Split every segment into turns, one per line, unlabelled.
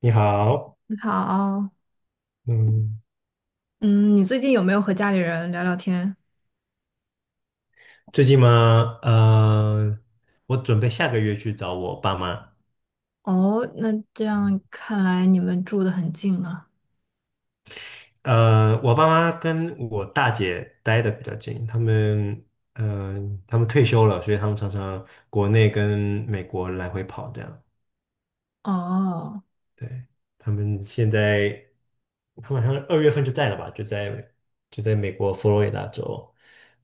你好。
你好，
嗯，
嗯，你最近有没有和家里人聊聊天？
最近吗？我准备下个月去找我爸妈。
哦，那这样看来你们住的很近啊。
我爸妈跟我大姐待的比较近，他们退休了，所以他们常常国内跟美国来回跑这样。
哦，
对，他们现在，他们好像二月份就在了吧，就在美国佛罗里达州，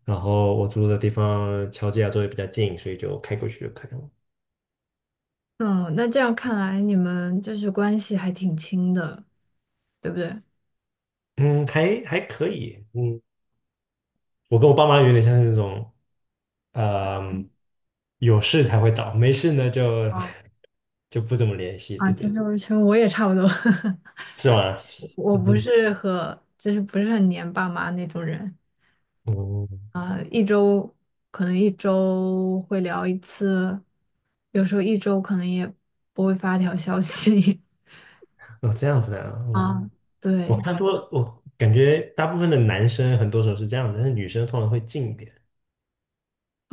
然后我住的地方乔治亚州也比较近，所以就开过去就可以了。
嗯，那这样看来你们就是关系还挺亲的，对不对？
嗯，还可以。嗯，我跟我爸妈有点像是那种，嗯、有事才会找，没事呢就
哦，
就不怎么联系。
啊，
对
其
对。
实我其实我也差不多。
是吗？
我不
嗯
是和不是很黏爸妈那种人，
哦，
可能一周会聊一次，有时候一周可能也不会发条消息。
哦，这样子的啊。哦，
啊，
我
对，
看多了，我感觉大部分的男生很多时候是这样的，但是女生通常会近一点。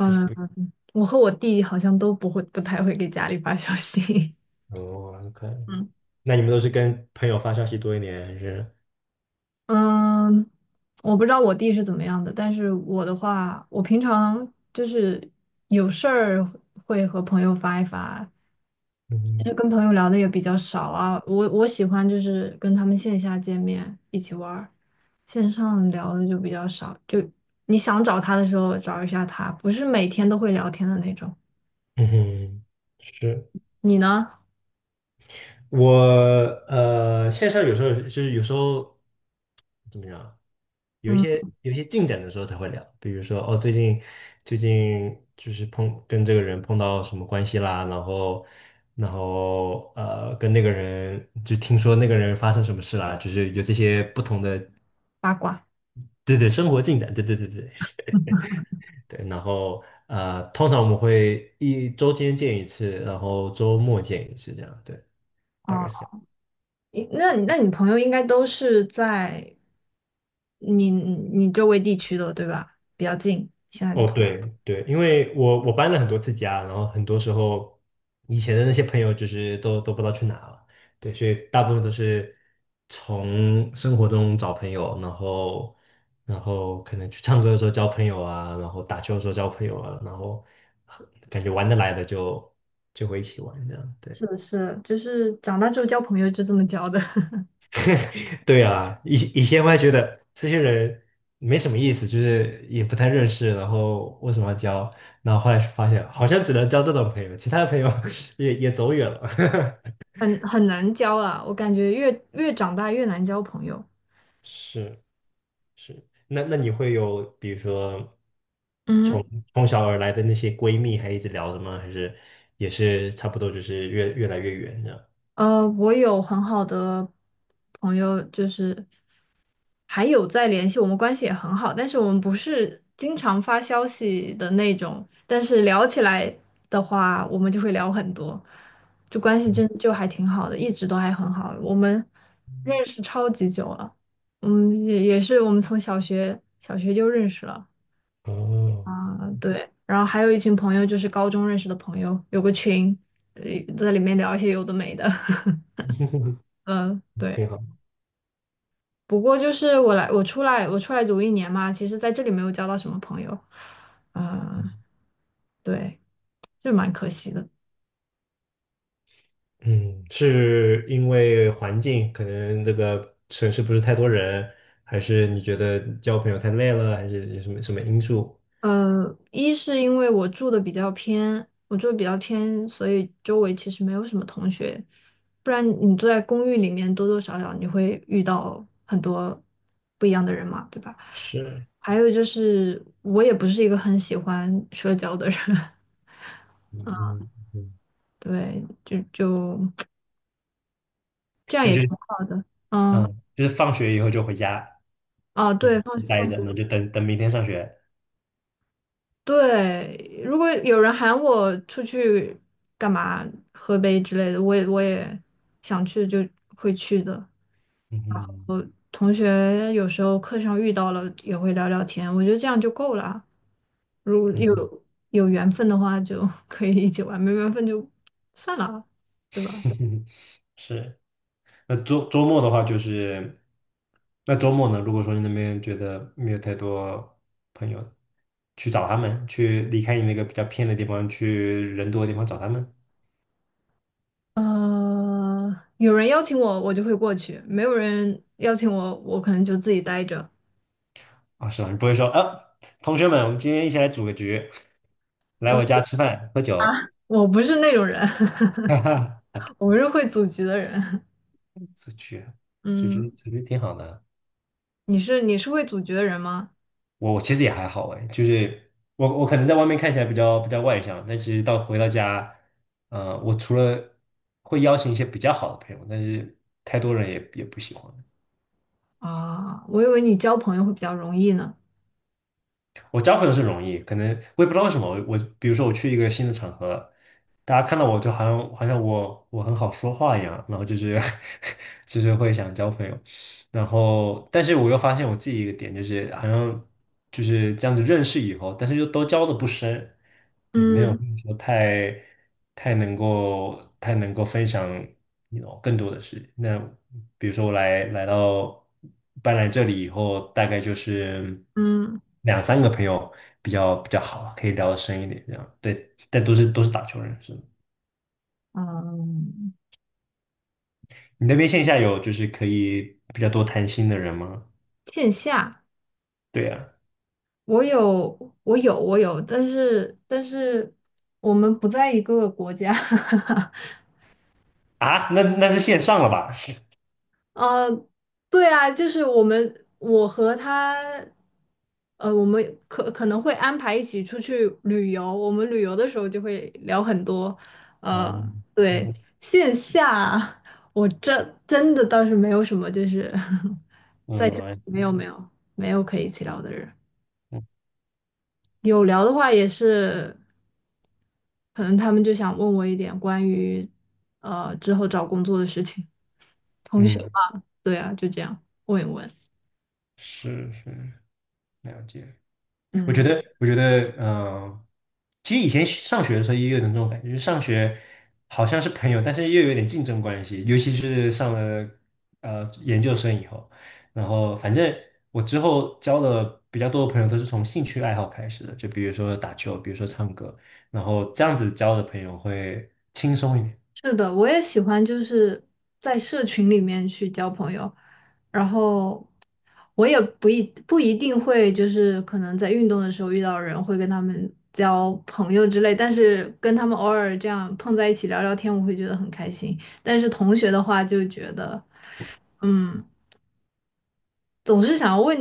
还是不。
我和我弟好像都不会，不太会给家里发消息。
哦 ，OK。
嗯，
那你们都是跟朋友发消息多一点，还是
嗯，我不知道我弟是怎么样的，但是我的话，我平常就是有事儿会和朋友发一发。其
嗯
实跟朋友聊的也比较少啊。我喜欢就是跟他们线下见面一起玩儿，线上聊的就比较少。就你想找他的时候找一下他，不是每天都会聊天的那种。
嗯哼。是。
你呢？
我线上有时候就是有时候怎么样，有一
嗯，
些有一些进展的时候才会聊。比如说哦，最近就是碰跟这个人碰到什么关系啦，然后跟那个人就听说那个人发生什么事啦，就是有这些不同的，
八卦。
对对，生活进展，对对对对对。然后通常我们会一周间见一次，然后周末见一次这样。对，大概是。这样。
诶，那你朋友应该都是在你周围地区的，对吧？比较近，现在的
哦，
朋，
对对，因为我搬了很多次家，然后很多时候以前的那些朋友就是都不知道去哪了。对，所以大部分都是从生活中找朋友。然后可能去唱歌的时候交朋友啊，然后打球的时候交朋友啊，然后感觉玩得来的就会一起玩这样。对。
是不是？就是长大之后交朋友就这么交的。
对啊，以前我还觉得这些人没什么意思，就是也不太认识，然后为什么要交？然后后来发现，好像只能交这种朋友，其他的朋友 也走远了。
很难交啊。我感觉越长大越难交朋友。
是是。那你会有比如说
嗯，
从小而来的那些闺蜜还一直聊着吗？还是也是差不多，就是越来越远这样？
我有很好的朋友，就是。还有在联系，我们关系也很好，但是我们不是经常发消息的那种，但是聊起来的话，我们就会聊很多，就关系真就还挺好的，一直都还很好。我们认识超级久了，嗯，也也是我们从小学就认识了，
哦，
嗯，对。然后还有一群朋友，就是高中认识的朋友，有个群，呃在里面聊一些有的没的。嗯，
挺
对。
好。
不过就是我来，我出来，我出来读一年嘛，其实在这里没有交到什么朋友，嗯，对，就蛮可惜的。
嗯，是因为环境，可能这个城市不是太多人，还是你觉得交朋友太累了，还是有什么什么因素？
一是因为我住的比较偏，所以周围其实没有什么同学，不然你住在公寓里面，多多少少你会遇到很多不一样的人嘛，对吧？
是。
还有就是我也不是一个很喜欢社交的人。
嗯嗯嗯。
对，就 这样
那
也
就
挺好的，嗯，
嗯，就是放学以后就回家。
哦，
嗯，
对，放
待着，
放。
那就等等明天上学。
对，如果有人喊我出去干嘛喝杯之类的，我也想去就会去的。
嗯
同学有时候课上遇到了也会聊聊天，我觉得这样就够了啊。如果
嗯
有缘分的话就 可以一起玩，没缘分就算了，对吧？
嗯。是。那周末的话，就是那周末呢，如果说你那边觉得没有太多朋友，去找他们，去离开你那个比较偏的地方，去人多的地方找他们。
有人邀请我，我就会过去；没有人邀请我，我可能就自己待着。
啊，是吧？你不会说啊，同学们，我们今天一起来组个局，来我家吃饭喝酒。
我不是那种人。
哈哈。
我不是会组局的人。
出去，出去，
嗯。
出去挺好的。
你是会组局的人吗？
我其实也还好哎，就是我可能在外面看起来比较外向，但其实到回到家，我除了会邀请一些比较好的朋友，但是太多人也不喜欢。
啊，我以为你交朋友会比较容易呢。
我交朋友是容易，可能我也不知道为什么，我比如说我去一个新的场合，大家看到我就好像我很好说话一样，然后就是 就是会想交朋友。然后，但是我又发现我自己一个点，就是好像就是这样子认识以后，但是又都交的不深。对，没有
嗯
说太能够分享你 更多的事。那比如说我来来到搬来这里以后，大概就是
嗯
两三个朋友比较好，可以聊的深一点这样。对，但都是打球人，是吗？
嗯，
你那边线下有就是可以比较多谈心的人吗？
线下
对呀。
我有我有，但是但是我们不在一个国家。
啊，那是线上了吧？
呃，对啊，就是我们，我和他，我们可能会安排一起出去旅游。我们旅游的时候就会聊很多，
啊，
呃，对，
嗯
线下我真真的倒是没有什么，就是
嗯
没有没有没有可以一起聊的人。
嗯，
有聊的话也是，可能他们就想问我一点关于之后找工作的事情，同学
嗯，
嘛，对啊，就这样问一问。
是是，了解。我觉
嗯。
得，其实以前上学的时候也有的这种感觉，就是上学好像是朋友，但是又有点竞争关系，尤其是上了研究生以后，然后反正我之后交的比较多的朋友都是从兴趣爱好开始的，就比如说打球，比如说唱歌，然后这样子交的朋友会轻松一点。
是的，我也喜欢，就是在社群里面去交朋友。然后我也不一定会，就是可能在运动的时候遇到人会跟他们交朋友之类，但是跟他们偶尔这样碰在一起聊聊天，我会觉得很开心。但是同学的话，就觉得嗯，总是想要问，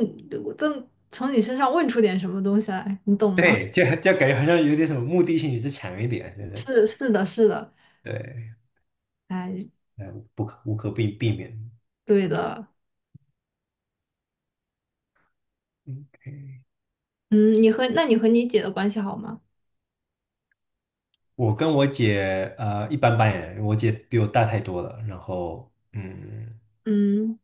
从你身上问出点什么东西来，你懂吗？
对，就感觉好像有点什么目的性就是强一点。对对
是是的，是的，
对。
哎，
不可无可避避免。
对的，
嗯，
嗯，你和那你和你姐的关系好吗？
我跟我姐一般般耶，我姐比我大太多了，然后嗯。
嗯。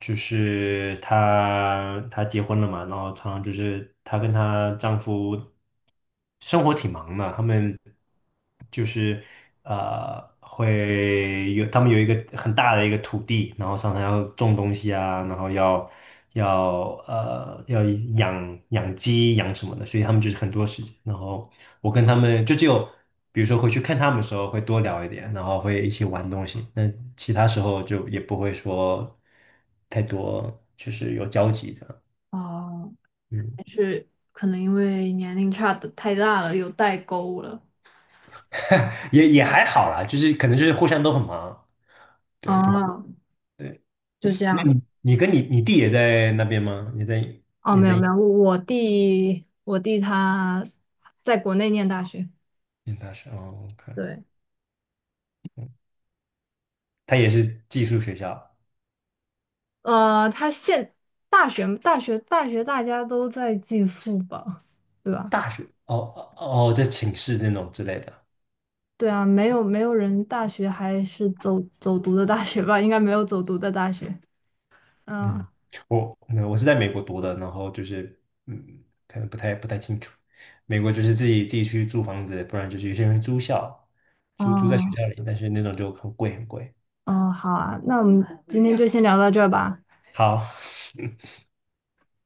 就是她结婚了嘛，然后常常就是她跟她丈夫生活挺忙的，他们就是他们有一个很大的一个土地，然后常常要种东西啊，然后要养鸡养什么的，所以他们就是很多时间，然后我跟他们就只有。比如说回去看他们的时候会多聊一点，然后会一起玩东西。那其他时候就也不会说。太多就是有交集的。
哦，
嗯，
可能因为年龄差的太大了，有代沟了。
也还好啦，就是可能就是互相都很忙。对，就
啊，
对。
就这
那
样子。
你跟你弟也在那边吗？也在
哦，
也
没有
在
没有，我弟他在国内念大学，
念大学哦，OK。
对，
嗯，他也是寄宿学校。
呃，他现大学大家都在寄宿吧，对吧？
大学哦哦。哦在寝室那种之类的。
对啊，没有没有人大学还是走读的大学吧？应该没有走读的大学。嗯，
嗯，那我是在美国读的，然后就是嗯，可能不太清楚。美国就是自己去租房子，不然就是有些人会租在学
嗯
校里，但是那种就很贵很贵。
嗯，好啊，那我们今天就先聊到这儿吧。
好，